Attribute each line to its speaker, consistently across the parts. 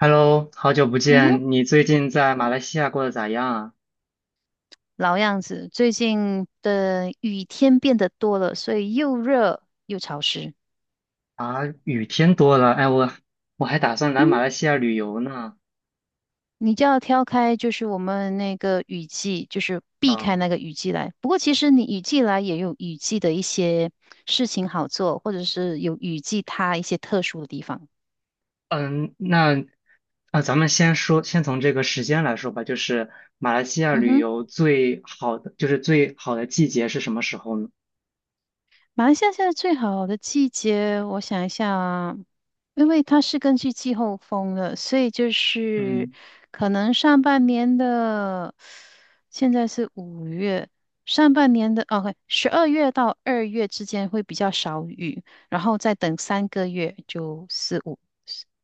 Speaker 1: Hello，好久不
Speaker 2: 嗯哼，
Speaker 1: 见，你最近在马来西亚过得咋样
Speaker 2: 老样子，最近的雨天变得多了，所以又热又潮湿。
Speaker 1: 啊？啊，雨天多了，哎，我还打算来马
Speaker 2: 嗯，
Speaker 1: 来西亚旅游呢。
Speaker 2: 你就要挑开，就是我们那个雨季，就是避开
Speaker 1: 啊，
Speaker 2: 那个雨季来。不过其实你雨季来也有雨季的一些事情好做，或者是有雨季它一些特殊的地方。
Speaker 1: 嗯，那啊，咱们先说，先从这个时间来说吧，就是马来西亚
Speaker 2: 嗯
Speaker 1: 旅
Speaker 2: 哼。
Speaker 1: 游最好的，就是最好的季节是什么时候呢？
Speaker 2: 马来西亚现在最好的季节，我想一下啊，因为它是根据季候风的，所以就是
Speaker 1: 嗯，
Speaker 2: 可能上半年的，现在是5月，上半年的哦，十二月到二月之间会比较少雨，然后再等三个月就四五，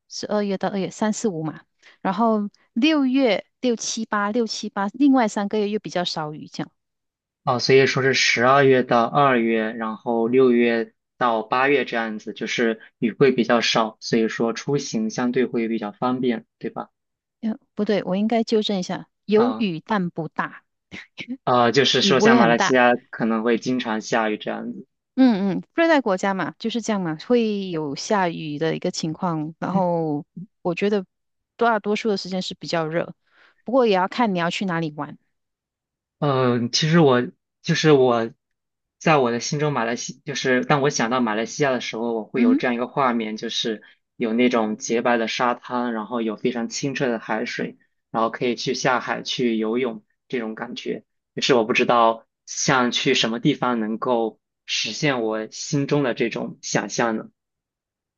Speaker 2: 十二月到二月三四五嘛，然后6月六七八六七八，另外三个月又比较少雨，这样。
Speaker 1: 哦，所以说是12月到二月，然后6月到8月这样子，就是雨会比较少，所以说出行相对会比较方便，对吧？
Speaker 2: 不对，我应该纠正一下，有
Speaker 1: 啊。
Speaker 2: 雨但不大。
Speaker 1: 就是
Speaker 2: 雨
Speaker 1: 说
Speaker 2: 不
Speaker 1: 像
Speaker 2: 会
Speaker 1: 马
Speaker 2: 很
Speaker 1: 来西
Speaker 2: 大。
Speaker 1: 亚可能会经常下雨这样子。
Speaker 2: 嗯嗯，热带国家嘛，就是这样嘛，会有下雨的一个情况。然后我觉得大多数的时间是比较热，不过也要看你要去哪里玩。
Speaker 1: 嗯，其实我就是我，在我的心中，马来西就是当我想到马来西亚的时候，我会
Speaker 2: 嗯
Speaker 1: 有
Speaker 2: 哼。
Speaker 1: 这样一个画面，就是有那种洁白的沙滩，然后有非常清澈的海水，然后可以去下海去游泳这种感觉。就是我不知道像去什么地方能够实现我心中的这种想象呢？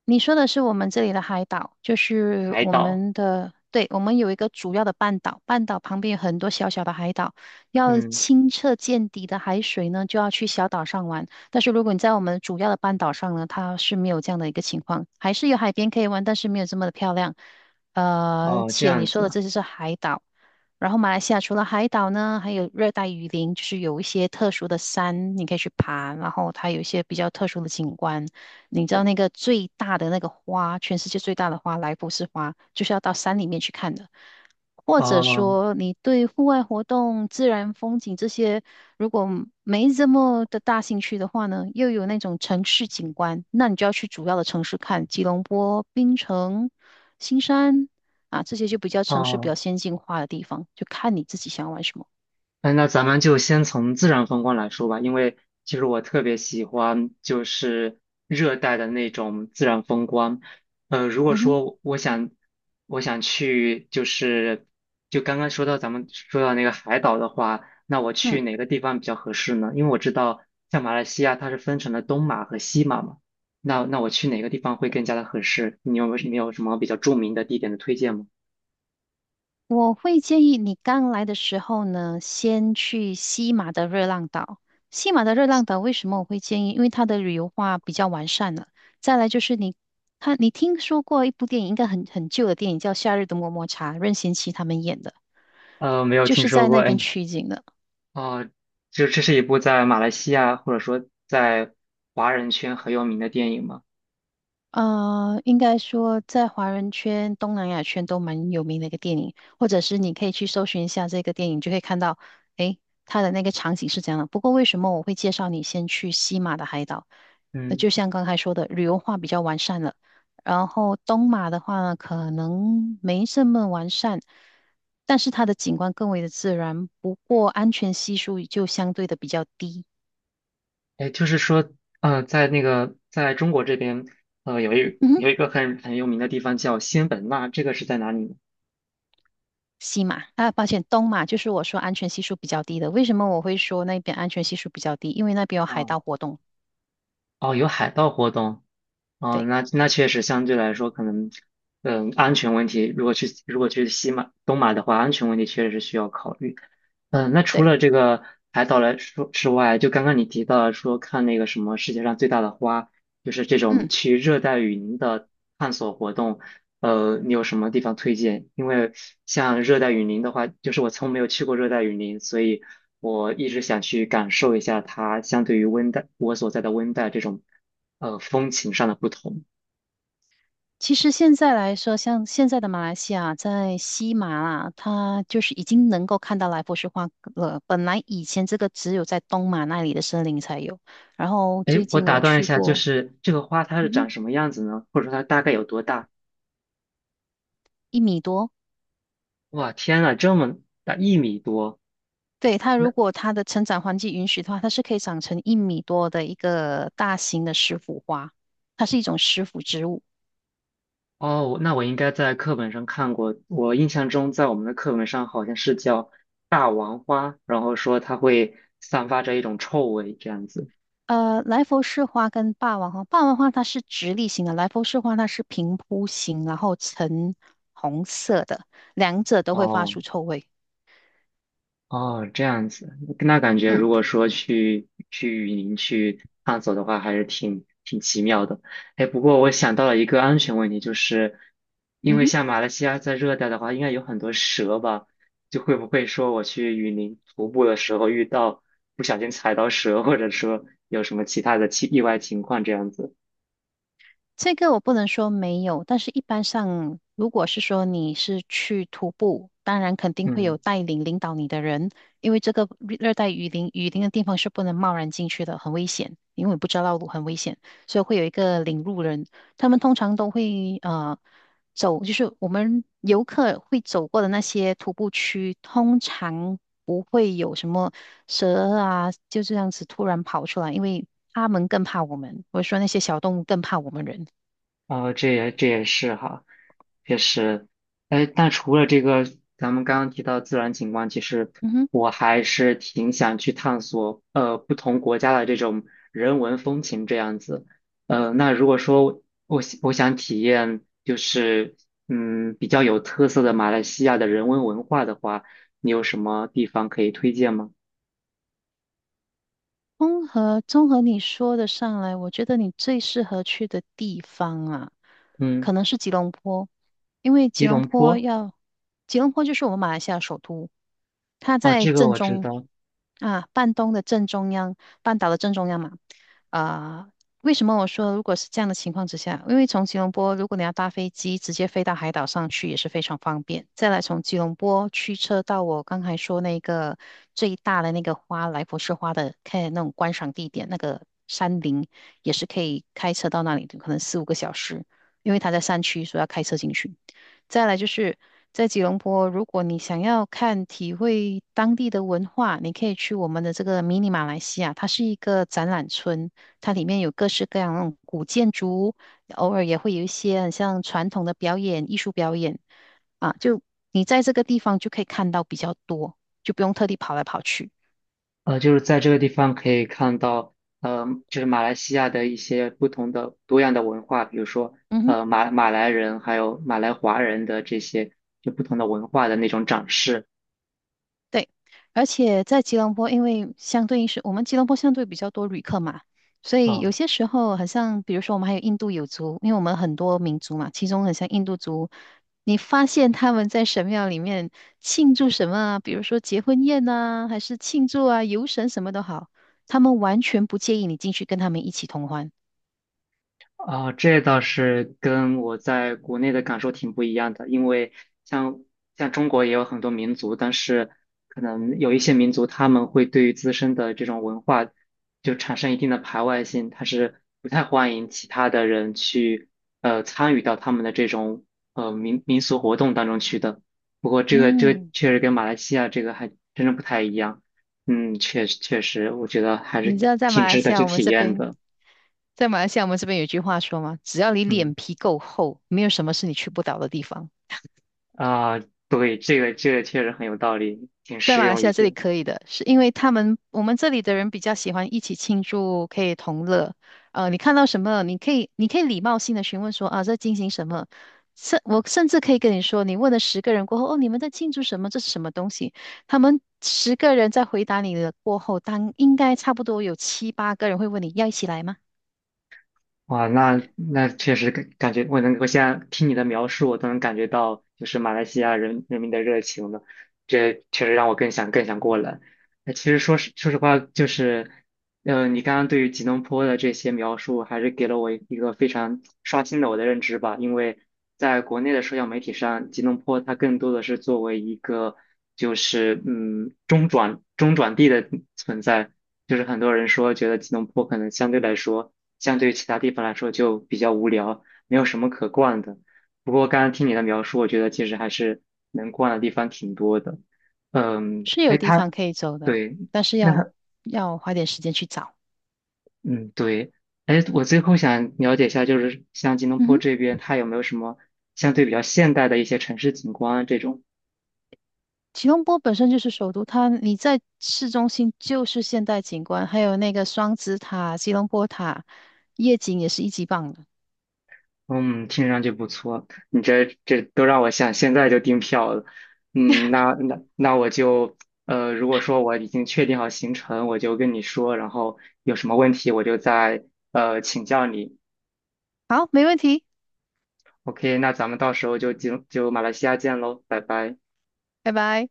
Speaker 2: 你说的是我们这里的海岛，就是
Speaker 1: 海
Speaker 2: 我
Speaker 1: 岛，
Speaker 2: 们的，对，我们有一个主要的半岛，半岛旁边有很多小小的海岛。要
Speaker 1: 嗯，
Speaker 2: 清澈见底的海水呢，就要去小岛上玩。但是如果你在我们主要的半岛上呢，它是没有这样的一个情况，还是有海边可以玩，但是没有这么的漂亮。
Speaker 1: 哦，这
Speaker 2: 且
Speaker 1: 样
Speaker 2: 你说
Speaker 1: 子
Speaker 2: 的
Speaker 1: 啊
Speaker 2: 这就是海岛。然后马来西亚除了海岛呢，还有热带雨林，就是有一些特殊的山，你可以去爬，然后它有一些比较特殊的景观。你知道那个最大的那个花，全世界最大的花，莱佛士花，就是要到山里面去看的。或者
Speaker 1: 哦
Speaker 2: 说，你对户外活动、自然风景这些，如果没这么的大兴趣的话呢，又有那种城市景观，那你就要去主要的城市看，吉隆坡、槟城、新山啊，这些就比较城市比较
Speaker 1: 哦。
Speaker 2: 先进化的地方，就看你自己想要玩什么。
Speaker 1: 哎，那咱们就先从自然风光来说吧，因为其实我特别喜欢就是热带的那种自然风光。如果
Speaker 2: 嗯哼。
Speaker 1: 说我想去就是就刚刚说到咱们说到那个海岛的话，那我去
Speaker 2: 嗯。
Speaker 1: 哪个地方比较合适呢？因为我知道像马来西亚它是分成了东马和西马嘛，那我去哪个地方会更加的合适？你有没有什么比较著名的地点的推荐吗？
Speaker 2: 我会建议你刚来的时候呢，先去西马的热浪岛。西马的热浪岛为什么我会建议？因为它的旅游化比较完善了。再来就是你看，你听说过一部电影，应该很旧的电影，叫《夏日的么么茶》，任贤齐他们演的，
Speaker 1: 没有
Speaker 2: 就
Speaker 1: 听
Speaker 2: 是
Speaker 1: 说
Speaker 2: 在
Speaker 1: 过
Speaker 2: 那边
Speaker 1: 哎。
Speaker 2: 取景的。
Speaker 1: 哦，就这是一部在马来西亚或者说在华人圈很有名的电影吗？
Speaker 2: 应该说在华人圈、东南亚圈都蛮有名的一个电影，或者是你可以去搜寻一下这个电影，就可以看到，诶，它的那个场景是怎样的。不过为什么我会介绍你先去西马的海岛？就
Speaker 1: 嗯，
Speaker 2: 像刚才说的，旅游化比较完善了。然后东马的话呢，可能没这么完善，但是它的景观更为的自然，不过安全系数就相对的比较低。
Speaker 1: 哎，就是说，在那个在中国这边，有一个很很有名的地方叫仙本那，这个是在哪里呢？
Speaker 2: 西马啊，抱歉，东马就是我说安全系数比较低的。为什么我会说那边安全系数比较低？因为那边有海
Speaker 1: 啊、
Speaker 2: 盗活动。
Speaker 1: 哦，有海盗活动，哦，
Speaker 2: 对
Speaker 1: 那那确实相对来说可能，嗯，安全问题，如果去西马东马的话，安全问题确实是需要考虑。嗯，那除了
Speaker 2: 对，
Speaker 1: 这个海岛来说之外，就刚刚你提到了说看那个什么世界上最大的花，就是这种
Speaker 2: 嗯，
Speaker 1: 去热带雨林的探索活动。你有什么地方推荐？因为像热带雨林的话，就是我从没有去过热带雨林，所以我一直想去感受一下它相对于温带我所在的温带这种风情上的不同。
Speaker 2: 其实现在来说，像现在的马来西亚，在西马啊，它就是已经能够看到来佛士花了。本来以前这个只有在东马那里的森林才有，然后
Speaker 1: 诶，
Speaker 2: 最
Speaker 1: 我
Speaker 2: 近
Speaker 1: 打
Speaker 2: 我
Speaker 1: 断一
Speaker 2: 去
Speaker 1: 下，就
Speaker 2: 过，
Speaker 1: 是这个花它是
Speaker 2: 嗯
Speaker 1: 长
Speaker 2: 哼，
Speaker 1: 什么样子呢？或者说它大概有多大？
Speaker 2: 一米多。
Speaker 1: 哇，天呐，这么大，1米多，
Speaker 2: 对，它如
Speaker 1: 那。
Speaker 2: 果它的成长环境允许的话，它是可以长成一米多的一个大型的石斛花，它是一种石斛植物。
Speaker 1: 哦，那我应该在课本上看过。我印象中，在我们的课本上好像是叫大王花，然后说它会散发着一种臭味，这样子。
Speaker 2: 来佛士花跟霸王花，霸王花它是直立型的，来佛士花它是平铺型，然后呈红色的，两者都会发
Speaker 1: 哦
Speaker 2: 出臭味。
Speaker 1: 哦，这样子，那感觉如果
Speaker 2: 嗯
Speaker 1: 说去雨林去探索的话，还是挺奇妙的。哎，不过我想到了一个安全问题，就是因
Speaker 2: 嗯
Speaker 1: 为
Speaker 2: 哼。
Speaker 1: 像马来西亚在热带的话，应该有很多蛇吧？就会不会说我去雨林徒步的时候遇到不小心踩到蛇，或者说有什么其他的奇意外情况这样子？
Speaker 2: 这个我不能说没有，但是一般上，如果是说你是去徒步，当然肯定会
Speaker 1: 嗯
Speaker 2: 有带领领导你的人，因为这个热带雨林，雨林的地方是不能贸然进去的，很危险，因为你不知道道路很危险，所以会有一个领路人，他们通常都会走，就是我们游客会走过的那些徒步区，通常不会有什么蛇啊，就这样子突然跑出来，因为他们更怕我们，我是说那些小动物更怕我们人。
Speaker 1: 哦，这也这也是哈，确实，哎，但除了这个，咱们刚刚提到自然景观，其实
Speaker 2: 嗯哼，
Speaker 1: 我还是挺想去探索，不同国家的这种人文风情这样子。那如果说我想体验，就是嗯，比较有特色的马来西亚的人文文化的话，你有什么地方可以推荐吗？
Speaker 2: 综合你说的上来，我觉得你最适合去的地方啊，
Speaker 1: 嗯，
Speaker 2: 可能是吉隆坡，因为
Speaker 1: 吉
Speaker 2: 吉隆
Speaker 1: 隆
Speaker 2: 坡
Speaker 1: 坡，
Speaker 2: 要，吉隆坡就是我们马来西亚首都，它
Speaker 1: 哦，
Speaker 2: 在
Speaker 1: 这个
Speaker 2: 正
Speaker 1: 我知
Speaker 2: 中
Speaker 1: 道，
Speaker 2: 啊，半东的正中央，半岛的正中央嘛，啊、为什么我说如果是这样的情况之下，因为从吉隆坡如果你要搭飞机直接飞到海岛上去也是非常方便。再来从吉隆坡驱车到我刚才说那个最大的那个花来佛士花的看那种观赏地点，那个山林也是可以开车到那里的，可能四五个小时，因为它在山区，所以要开车进去。再来就是在吉隆坡，如果你想要看体会当地的文化，你可以去我们的这个迷你马来西亚，它是一个展览村。它里面有各式各样那种古建筑，偶尔也会有一些很像传统的表演、艺术表演啊，就你在这个地方就可以看到比较多，就不用特地跑来跑去。
Speaker 1: 就是在这个地方可以看到，就是马来西亚的一些不同的多样的文化，比如说，
Speaker 2: 嗯哼。
Speaker 1: 马来人还有马来华人的这些就不同的文化的那种展示
Speaker 2: 对，而且在吉隆坡，因为相对应是我们吉隆坡相对比较多旅客嘛，所以有
Speaker 1: 啊。
Speaker 2: 些时候好像，比如说我们还有印度有族，因为我们很多民族嘛，其中很像印度族，你发现他们在神庙里面庆祝什么啊？比如说结婚宴呐、还是庆祝啊游神什么都好，他们完全不介意你进去跟他们一起同欢。
Speaker 1: 啊，这倒是跟我在国内的感受挺不一样的，因为像像中国也有很多民族，但是可能有一些民族他们会对于自身的这种文化就产生一定的排外性，他是不太欢迎其他的人去参与到他们的这种民俗活动当中去的。不过这个这个
Speaker 2: 嗯，
Speaker 1: 确实跟马来西亚这个还真的不太一样，嗯，确实确实，我觉得还
Speaker 2: 你知
Speaker 1: 是
Speaker 2: 道在马
Speaker 1: 挺
Speaker 2: 来
Speaker 1: 值得
Speaker 2: 西亚
Speaker 1: 去
Speaker 2: 我们
Speaker 1: 体
Speaker 2: 这
Speaker 1: 验
Speaker 2: 边，
Speaker 1: 的，
Speaker 2: 在马来西亚我们这边有句话说吗？只要你脸
Speaker 1: 嗯。
Speaker 2: 皮够厚，没有什么是你去不到的地方。
Speaker 1: 啊，对，这个这个确实很有道理，挺
Speaker 2: 在
Speaker 1: 实
Speaker 2: 马来
Speaker 1: 用
Speaker 2: 西
Speaker 1: 一
Speaker 2: 亚这里
Speaker 1: 句。
Speaker 2: 可以的，是因为他们我们这里的人比较喜欢一起庆祝，可以同乐。你看到什么，你可以你可以礼貌性的询问说啊，在进行什么。我甚至可以跟你说，你问了十个人过后，哦，你们在庆祝什么？这是什么东西？他们十个人在回答你的过后，当应该差不多有七八个人会问你要一起来吗？
Speaker 1: 哇，那那确实感感觉，我能，我现在听你的描述，我都能感觉到，就是马来西亚人人民的热情了。这确实让我更想更想过来。那其实说实说实话，就是，嗯、你刚刚对于吉隆坡的这些描述，还是给了我一个非常刷新了我的认知吧。因为在国内的社交媒体上，吉隆坡它更多的是作为一个，就是嗯中转地的存在，就是很多人说觉得吉隆坡可能相对来说。相对于其他地方来说就比较无聊，没有什么可逛的。不过刚刚听你的描述，我觉得其实还是能逛的地方挺多的。嗯，
Speaker 2: 是
Speaker 1: 哎，
Speaker 2: 有地方
Speaker 1: 他
Speaker 2: 可以走的，
Speaker 1: 对，
Speaker 2: 但是
Speaker 1: 那
Speaker 2: 要
Speaker 1: 它
Speaker 2: 要花点时间去找。
Speaker 1: 嗯对，哎，我最后想了解一下，就是像吉隆
Speaker 2: 嗯
Speaker 1: 坡
Speaker 2: 哼。
Speaker 1: 这边，它有没有什么相对比较现代的一些城市景观啊这种？
Speaker 2: 吉隆坡本身就是首都，它你在市中心就是现代景观，还有那个双子塔、吉隆坡塔，夜景也是一级棒的。
Speaker 1: 嗯，听上去不错，你这这都让我想现在就订票了。嗯，那那那我就如果说我已经确定好行程，我就跟你说，然后有什么问题我就再请教你。
Speaker 2: 好，没问题，
Speaker 1: OK，那咱们到时候就马来西亚见喽，拜拜。
Speaker 2: 拜拜。